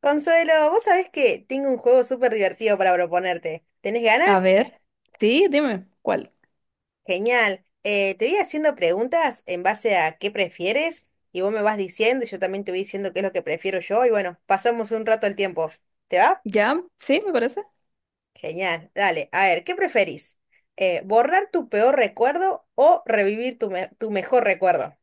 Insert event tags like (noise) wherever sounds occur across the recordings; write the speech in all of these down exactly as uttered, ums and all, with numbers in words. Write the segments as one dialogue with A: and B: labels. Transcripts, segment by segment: A: Consuelo, vos sabés que tengo un juego súper divertido para proponerte. ¿Tenés
B: A
A: ganas?
B: ver, sí, dime, ¿cuál?
A: Genial. Eh, te voy haciendo preguntas en base a qué prefieres y vos me vas diciendo y yo también te voy diciendo qué es lo que prefiero yo y bueno, pasamos un rato el tiempo. ¿Te va?
B: ¿Ya? Sí, me parece.
A: Genial. Dale, a ver, ¿qué preferís? Eh, ¿borrar tu peor recuerdo o revivir tu, me- tu mejor recuerdo?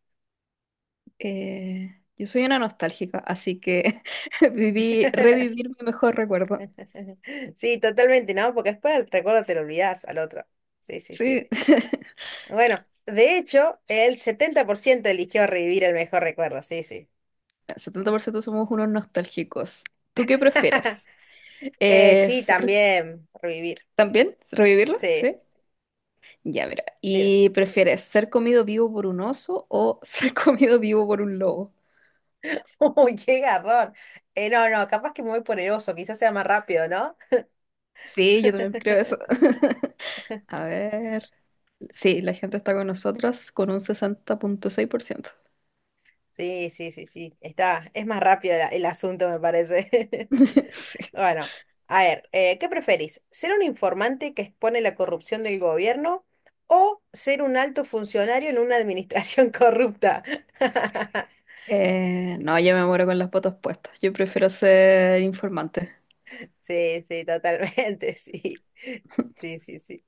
B: Eh, yo soy una nostálgica, así que (laughs) viví,
A: (laughs)
B: revivir mi mejor recuerdo.
A: Sí, totalmente, ¿no? Porque después el recuerdo te lo olvidás al otro. Sí, sí, sí.
B: Sí, (laughs)
A: Bueno, de hecho, el setenta por ciento eligió revivir el mejor recuerdo, sí, sí.
B: el setenta por ciento somos unos nostálgicos. ¿Tú qué
A: (laughs)
B: prefieres?
A: Eh,
B: Eh,
A: sí,
B: ¿ser
A: también revivir.
B: también? ¿Revivirlo?
A: Sí, sí.
B: Sí. Ya, mira.
A: Dime.
B: ¿Y prefieres ser comido vivo por un oso o ser (laughs) comido vivo por un lobo?
A: (laughs) Uy, qué garrón. Eh, no, no, capaz que me voy por el oso, quizás sea más rápido, ¿no?
B: Sí, yo también creo eso. (laughs) A ver. Sí, la gente está con nosotros con un sesenta punto seis por ciento.
A: Sí, sí, sí, sí. Está, es más rápido la- el asunto, me parece. (laughs)
B: (laughs) Sí.
A: Bueno, a ver, eh, ¿qué preferís? ¿Ser un informante que expone la corrupción del gobierno o ser un alto funcionario en una administración (laughs) corrupta? (laughs)
B: Eh, no, yo me muero con las botas puestas. Yo prefiero ser informante.
A: Sí, sí, totalmente, (laughs) sí. Sí, sí, sí.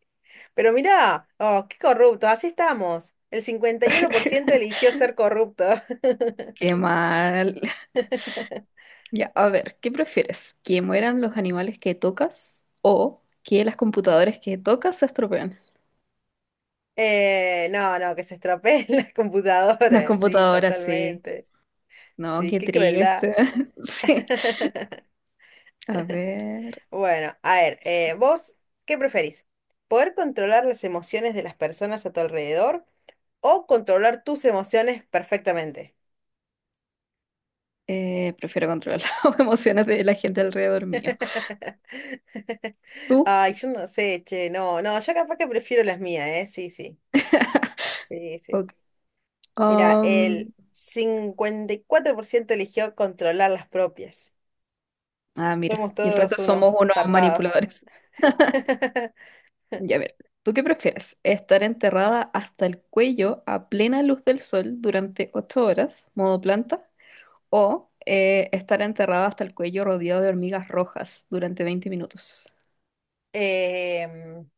A: Pero mirá, oh, qué corrupto, así estamos. El cincuenta y uno por ciento
B: (laughs)
A: eligió ser corrupto. (laughs)
B: Qué mal. Ya, a ver, ¿qué prefieres? ¿Que mueran los animales que tocas o que las computadoras que tocas se estropean?
A: Eh, no, no, que se estropeen (laughs) las
B: Las. No.
A: computadoras, sí,
B: Computadoras, sí.
A: totalmente.
B: No,
A: Sí,
B: qué
A: qué crueldad.
B: triste. (laughs)
A: (laughs)
B: Sí. A ver.
A: Bueno, a ver, eh, ¿vos qué preferís? ¿Poder controlar las emociones de las personas a tu alrededor o controlar tus emociones perfectamente?
B: Eh, prefiero controlar (laughs) las emociones de la gente alrededor mío.
A: (laughs)
B: ¿Tú?
A: Ay, yo no sé, che, no, no, yo capaz que prefiero las mías, ¿eh? Sí, sí, sí, sí.
B: Ok.
A: Mira, el
B: Um,
A: cincuenta y cuatro por ciento eligió controlar las propias.
B: ah, mira.
A: Somos
B: Y el
A: todos
B: resto somos
A: unos
B: unos
A: zarpados.
B: manipuladores.
A: (laughs)
B: Ya ver, ¿tú qué prefieres? ¿Estar enterrada hasta el cuello a plena luz del sol durante ocho horas, modo planta? ¿O eh, estar enterrada hasta el cuello rodeado de hormigas rojas durante veinte minutos?
A: Em,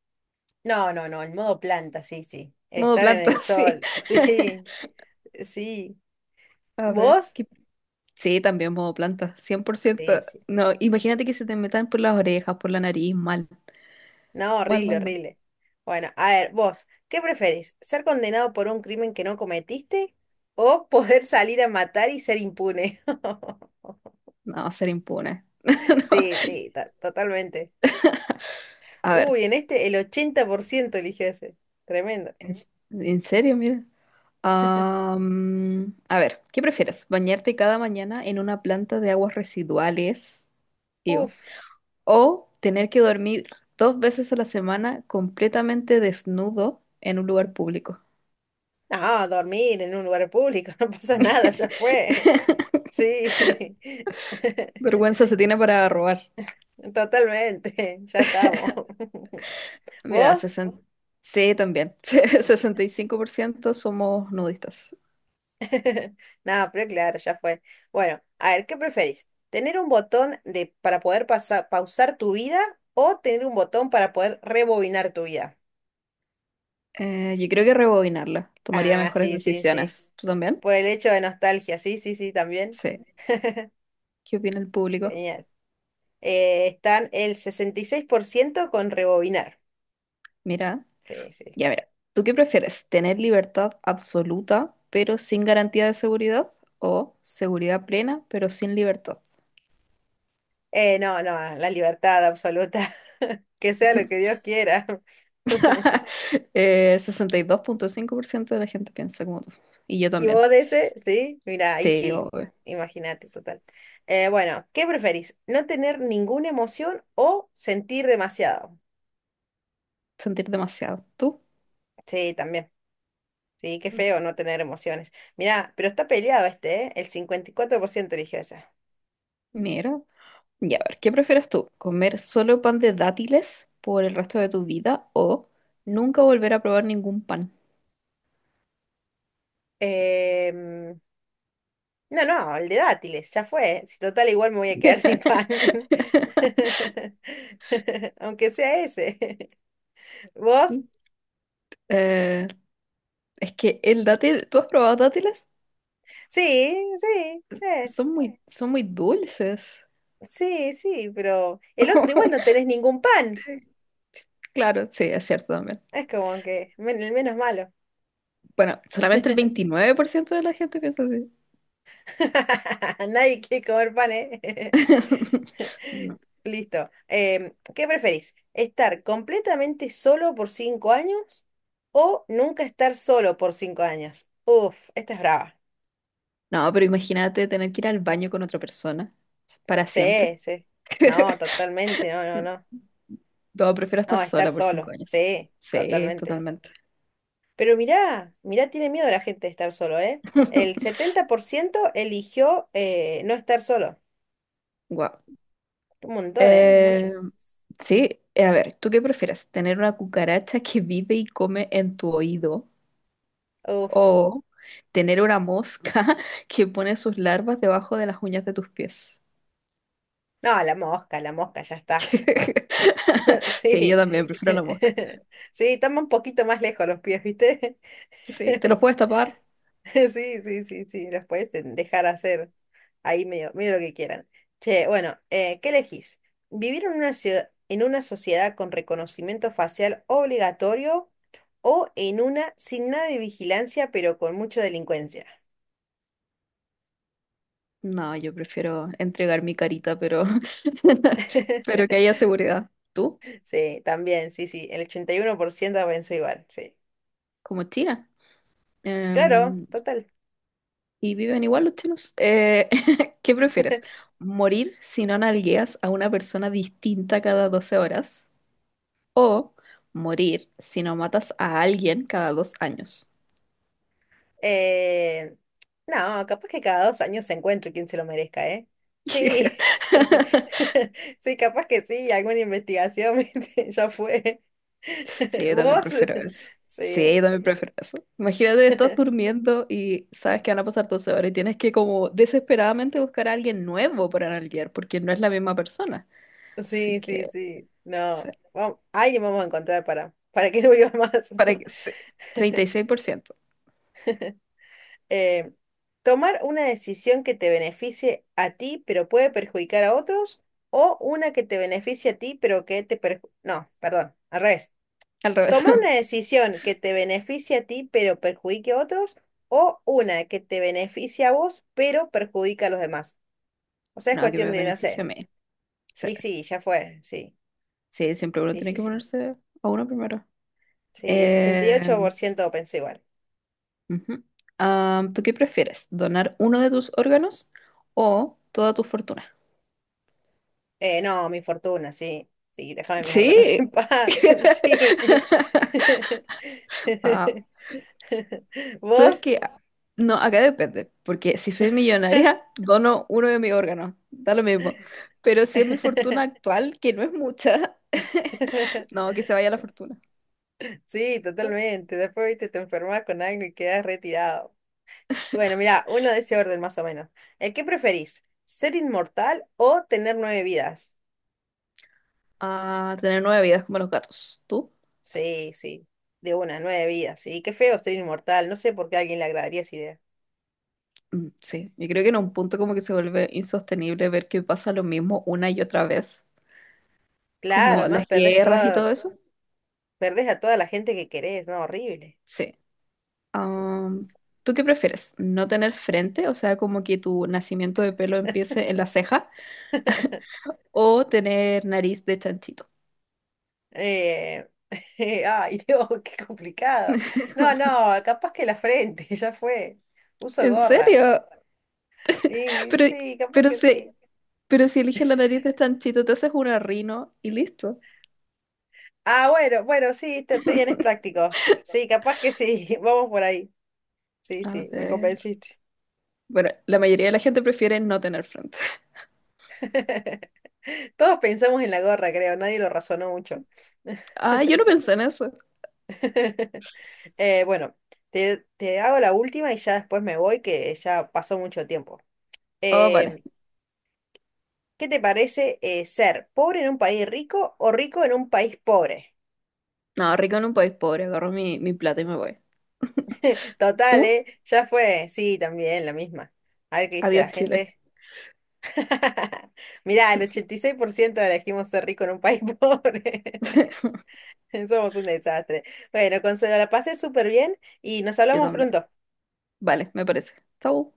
A: no, no, no, el modo planta, sí, sí. El
B: Modo
A: estar en el
B: planta, (laughs) sí.
A: sol, (laughs) sí, sí.
B: A ver,
A: ¿Vos?
B: ¿qué- sí, también modo planta, cien por ciento.
A: Sí, sí.
B: No,
A: Sí.
B: imagínate que se te metan por las orejas, por la nariz, mal,
A: No,
B: mal,
A: horrible,
B: mal, mal.
A: horrible. Bueno, a ver, vos, ¿qué preferís? ¿Ser condenado por un crimen que no cometiste o (laughs) poder salir a matar y ser impune? (laughs)
B: No, ser impune. (laughs) No.
A: Sí, sí, to- totalmente.
B: A ver,
A: Uy, en este el ochenta por ciento eligió ese. Tremendo.
B: en, en serio, mira. Am, a ver, ¿qué prefieres? ¿Bañarte cada mañana en una planta de aguas residuales? Iu.
A: Uf.
B: ¿O tener que dormir dos veces a la semana completamente desnudo en un lugar público?
A: No, dormir en un lugar público, (laughs) no pasa nada, ya fue.
B: (laughs)
A: Sí. (laughs)
B: Vergüenza se tiene para robar.
A: Totalmente, ya estamos. (laughs)
B: Mira,
A: ¿Vos?
B: sesenta, sí, también. (laughs) sesenta y cinco por ciento somos nudistas.
A: (laughs) Nada, pero claro, ya fue. Bueno, a ver, ¿qué preferís? ¿Tener un botón de, para poder pasar, pausar tu vida o tener un botón para poder rebobinar tu vida?
B: Eh, yo creo que rebobinarla. Tomaría
A: Ah,
B: mejores
A: sí, sí, sí.
B: decisiones. ¿Tú también?
A: Por el hecho de nostalgia, sí, sí, sí, también.
B: Sí. ¿Qué opina el público?
A: Genial. Eh, están el sesenta y seis por ciento con rebobinar.
B: Mira.
A: Sí, sí.
B: Ya verá, ¿tú qué prefieres? ¿Tener libertad absoluta pero sin garantía de seguridad? ¿O seguridad plena pero sin libertad?
A: Eh, no, no, la libertad absoluta. (laughs) Que sea lo que Dios quiera. (laughs)
B: (laughs) Eh, sesenta y dos punto cinco por ciento de la gente piensa como tú. Y yo
A: ¿Y
B: también.
A: vos de ese? Sí, mira, ahí
B: Sí,
A: sí,
B: obvio.
A: imagínate, total. Eh, bueno, ¿qué preferís? ¿No tener ninguna emoción o sentir demasiado?
B: Sentir demasiado. ¿Tú?
A: Sí, también. Sí, qué feo no tener emociones. Mirá, pero está peleado este, ¿eh? El cincuenta y cuatro por ciento eligió esa.
B: Mira. Ya, a ver, ¿qué prefieres tú? ¿Comer solo pan de dátiles por el resto de tu vida o nunca volver a probar ningún pan?
A: Em, no, no, el de dátiles, ya fue. Si total, igual me voy a quedar sin pan.
B: (laughs)
A: (laughs) Aunque sea ese. (laughs) ¿Vos?
B: Eh, es que el dátil, ¿tú has probado dátiles?
A: Sí, sí. eh,
B: Son muy, son muy dulces.
A: sí, sí, pero el otro igual no
B: (laughs)
A: tenés ningún pan.
B: Claro, sí, es cierto también.
A: Es como que men- el menos malo.
B: Bueno, solamente el veintinueve por ciento de la gente piensa así.
A: (laughs) Nadie quiere comer pan, ¿eh?
B: (laughs)
A: (laughs)
B: No.
A: Listo. Em, ¿qué preferís? ¿Estar completamente solo por cinco años o nunca estar solo por cinco años? Uf, esta es brava.
B: No, pero imagínate tener que ir al baño con otra persona para siempre.
A: Sí, sí.
B: (laughs)
A: No, totalmente, no, no, no.
B: No, prefiero estar
A: No, estar
B: sola por
A: solo.
B: cinco años.
A: Sí,
B: Sí,
A: totalmente.
B: totalmente.
A: Pero mirá, mirá, tiene miedo la gente de estar solo, ¿eh? El
B: (laughs)
A: setenta por ciento eligió eh, no estar solo.
B: Wow.
A: Un montón, ¿eh? Mucho.
B: Eh, sí, eh, a ver, ¿tú qué prefieres? ¿Tener una cucaracha que vive y come en tu oído?
A: Uf.
B: O tener una mosca (laughs) que pone sus larvas debajo de las uñas de tus pies.
A: No, la mosca, la mosca, ya está.
B: (laughs)
A: (laughs)
B: Sí, yo
A: Sí.
B: también prefiero la mosca.
A: (laughs) Sí, toma un poquito más lejos los pies, ¿viste?
B: Sí, ¿te los
A: (laughs)
B: puedes tapar?
A: (laughs) Sí, sí, sí, sí, los puedes de- dejar hacer ahí medio, medio lo que quieran. Che, bueno, eh, ¿qué elegís? ¿Vivir en una ciudad, en una sociedad con reconocimiento facial obligatorio o en una sin nada de vigilancia pero con mucha delincuencia?
B: No, yo prefiero entregar mi carita, pero, (laughs) pero que haya
A: (laughs)
B: seguridad. ¿Tú?
A: Sí, también, sí, sí, el ochenta y uno por ciento pensó igual, sí.
B: Como China.
A: Claro,
B: Em,
A: total.
B: ¿Y viven igual los chinos? Eh, (laughs) ¿qué prefieres? ¿Morir si no nalgueas a una persona distinta cada doce horas? ¿O morir si no matas a alguien cada dos años?
A: Eh, no, capaz que cada dos años se encuentre quien se lo merezca, ¿eh? Sí. (laughs)
B: (laughs)
A: Sí, capaz que sí, alguna investigación, (laughs) ¿viste? Ya fue.
B: Sí,
A: (laughs)
B: yo también
A: ¿Vos?
B: prefiero
A: (laughs)
B: eso. Sí,
A: Sí.
B: yo también prefiero eso. Imagínate, estás durmiendo y sabes que van a pasar doce horas y tienes que como desesperadamente buscar a alguien nuevo para nalguear porque no es la misma persona. Así
A: Sí, sí,
B: que,
A: sí.
B: sí.
A: No. Vamos, alguien vamos a encontrar para, para que (laughs) no viva más.
B: Para que,
A: (laughs)
B: sí, treinta y seis por ciento.
A: Eh, tomar una decisión que te beneficie a ti, pero puede perjudicar a otros, o una que te beneficie a ti, pero que te perju- no, perdón, al revés.
B: Al revés.
A: Tomar una
B: (laughs)
A: decisión que te beneficie a ti pero perjudique a otros o una que te beneficie a vos pero perjudica a los demás. O sea, es
B: No, que
A: cuestión
B: me
A: de, no
B: beneficie a
A: sé.
B: mí. Sí,
A: Y sí, ya fue, sí,
B: sí, siempre uno
A: sí,
B: tiene
A: sí,
B: que
A: sí.
B: ponerse a uno primero.
A: Sí, el sesenta y
B: Eh,
A: ocho por ciento pensó igual.
B: Ujú. Ah, ¿tú qué prefieres? ¿Donar uno de tus órganos o toda tu fortuna?
A: Eh, no, mi fortuna, sí. Sí, déjame mis órganos
B: Sí.
A: en paz, (laughs) sí.
B: (laughs)
A: (laughs)
B: Wow. ¿Sabes
A: ¿Vos?
B: qué? No, acá depende, porque si soy millonaria, (laughs) dono uno de mis órganos, da lo mismo. Pero si es mi fortuna
A: (laughs)
B: actual, que no es mucha, (laughs) no, que se vaya la fortuna.
A: Sí, totalmente. Después, viste, te enfermas con algo y quedas retirado. Bueno, mira, uno de ese orden más o menos. Eh, ¿qué preferís? ¿Ser inmortal o tener nueve vidas?
B: A tener nueve vidas como los gatos. ¿Tú?
A: Sí, sí, de una, nueve vidas. Sí, qué feo ser inmortal. No sé por qué a alguien le agradaría esa idea.
B: Mm, sí, yo creo que en un punto como que se vuelve insostenible ver que pasa lo mismo una y otra vez,
A: Claro,
B: como
A: además
B: las
A: perdés
B: guerras y
A: toda,
B: todo eso.
A: perdés a toda la gente que querés, ¿no? Horrible.
B: Sí,
A: Sí.
B: Am, ¿tú qué prefieres? ¿No tener frente? O sea, como que tu nacimiento de pelo empiece en la ceja o tener nariz de chanchito.
A: Eh, (laughs) ay, Dios, qué complicado. No,
B: (laughs)
A: no, capaz que la frente, (laughs) ya fue. Uso
B: ¿En
A: gorra.
B: serio?
A: Y
B: Pero,
A: sí, capaz
B: pero
A: que
B: si,
A: sí.
B: pero si eliges la nariz de chanchito, te haces una rino y listo.
A: Ah, bueno, bueno, sí, te, te vienes
B: (laughs)
A: práctico. Sí, capaz que sí, (laughs) vamos por ahí. Sí,
B: A
A: sí, me
B: ver.
A: convenciste.
B: Bueno, la mayoría de la gente prefiere no tener frente. (laughs)
A: (laughs) Todos pensamos en la gorra, creo, nadie lo razonó mucho.
B: Ah, yo no pensé en eso.
A: (laughs) Eh, bueno, te, te hago la última y ya después me voy, que ya pasó mucho tiempo.
B: Oh, vale.
A: Em, ¿qué te parece eh, ser pobre en un país rico o rico en un país pobre?
B: No, rico en un país pobre. Agarro mi, mi plata y me voy.
A: (laughs) Total,
B: ¿Tú?
A: ¿eh? Ya fue, sí, también la misma. A ver qué dice
B: Adiós,
A: la
B: Chile.
A: gente. (laughs) Mirá, el ochenta y seis por ciento elegimos ser rico en un país (laughs) pobre.
B: (laughs)
A: (laughs) Somos un desastre. Bueno, Consuelo, la pasé súper bien y nos
B: Yo
A: hablamos
B: también.
A: pronto.
B: Vale, me parece. Chau.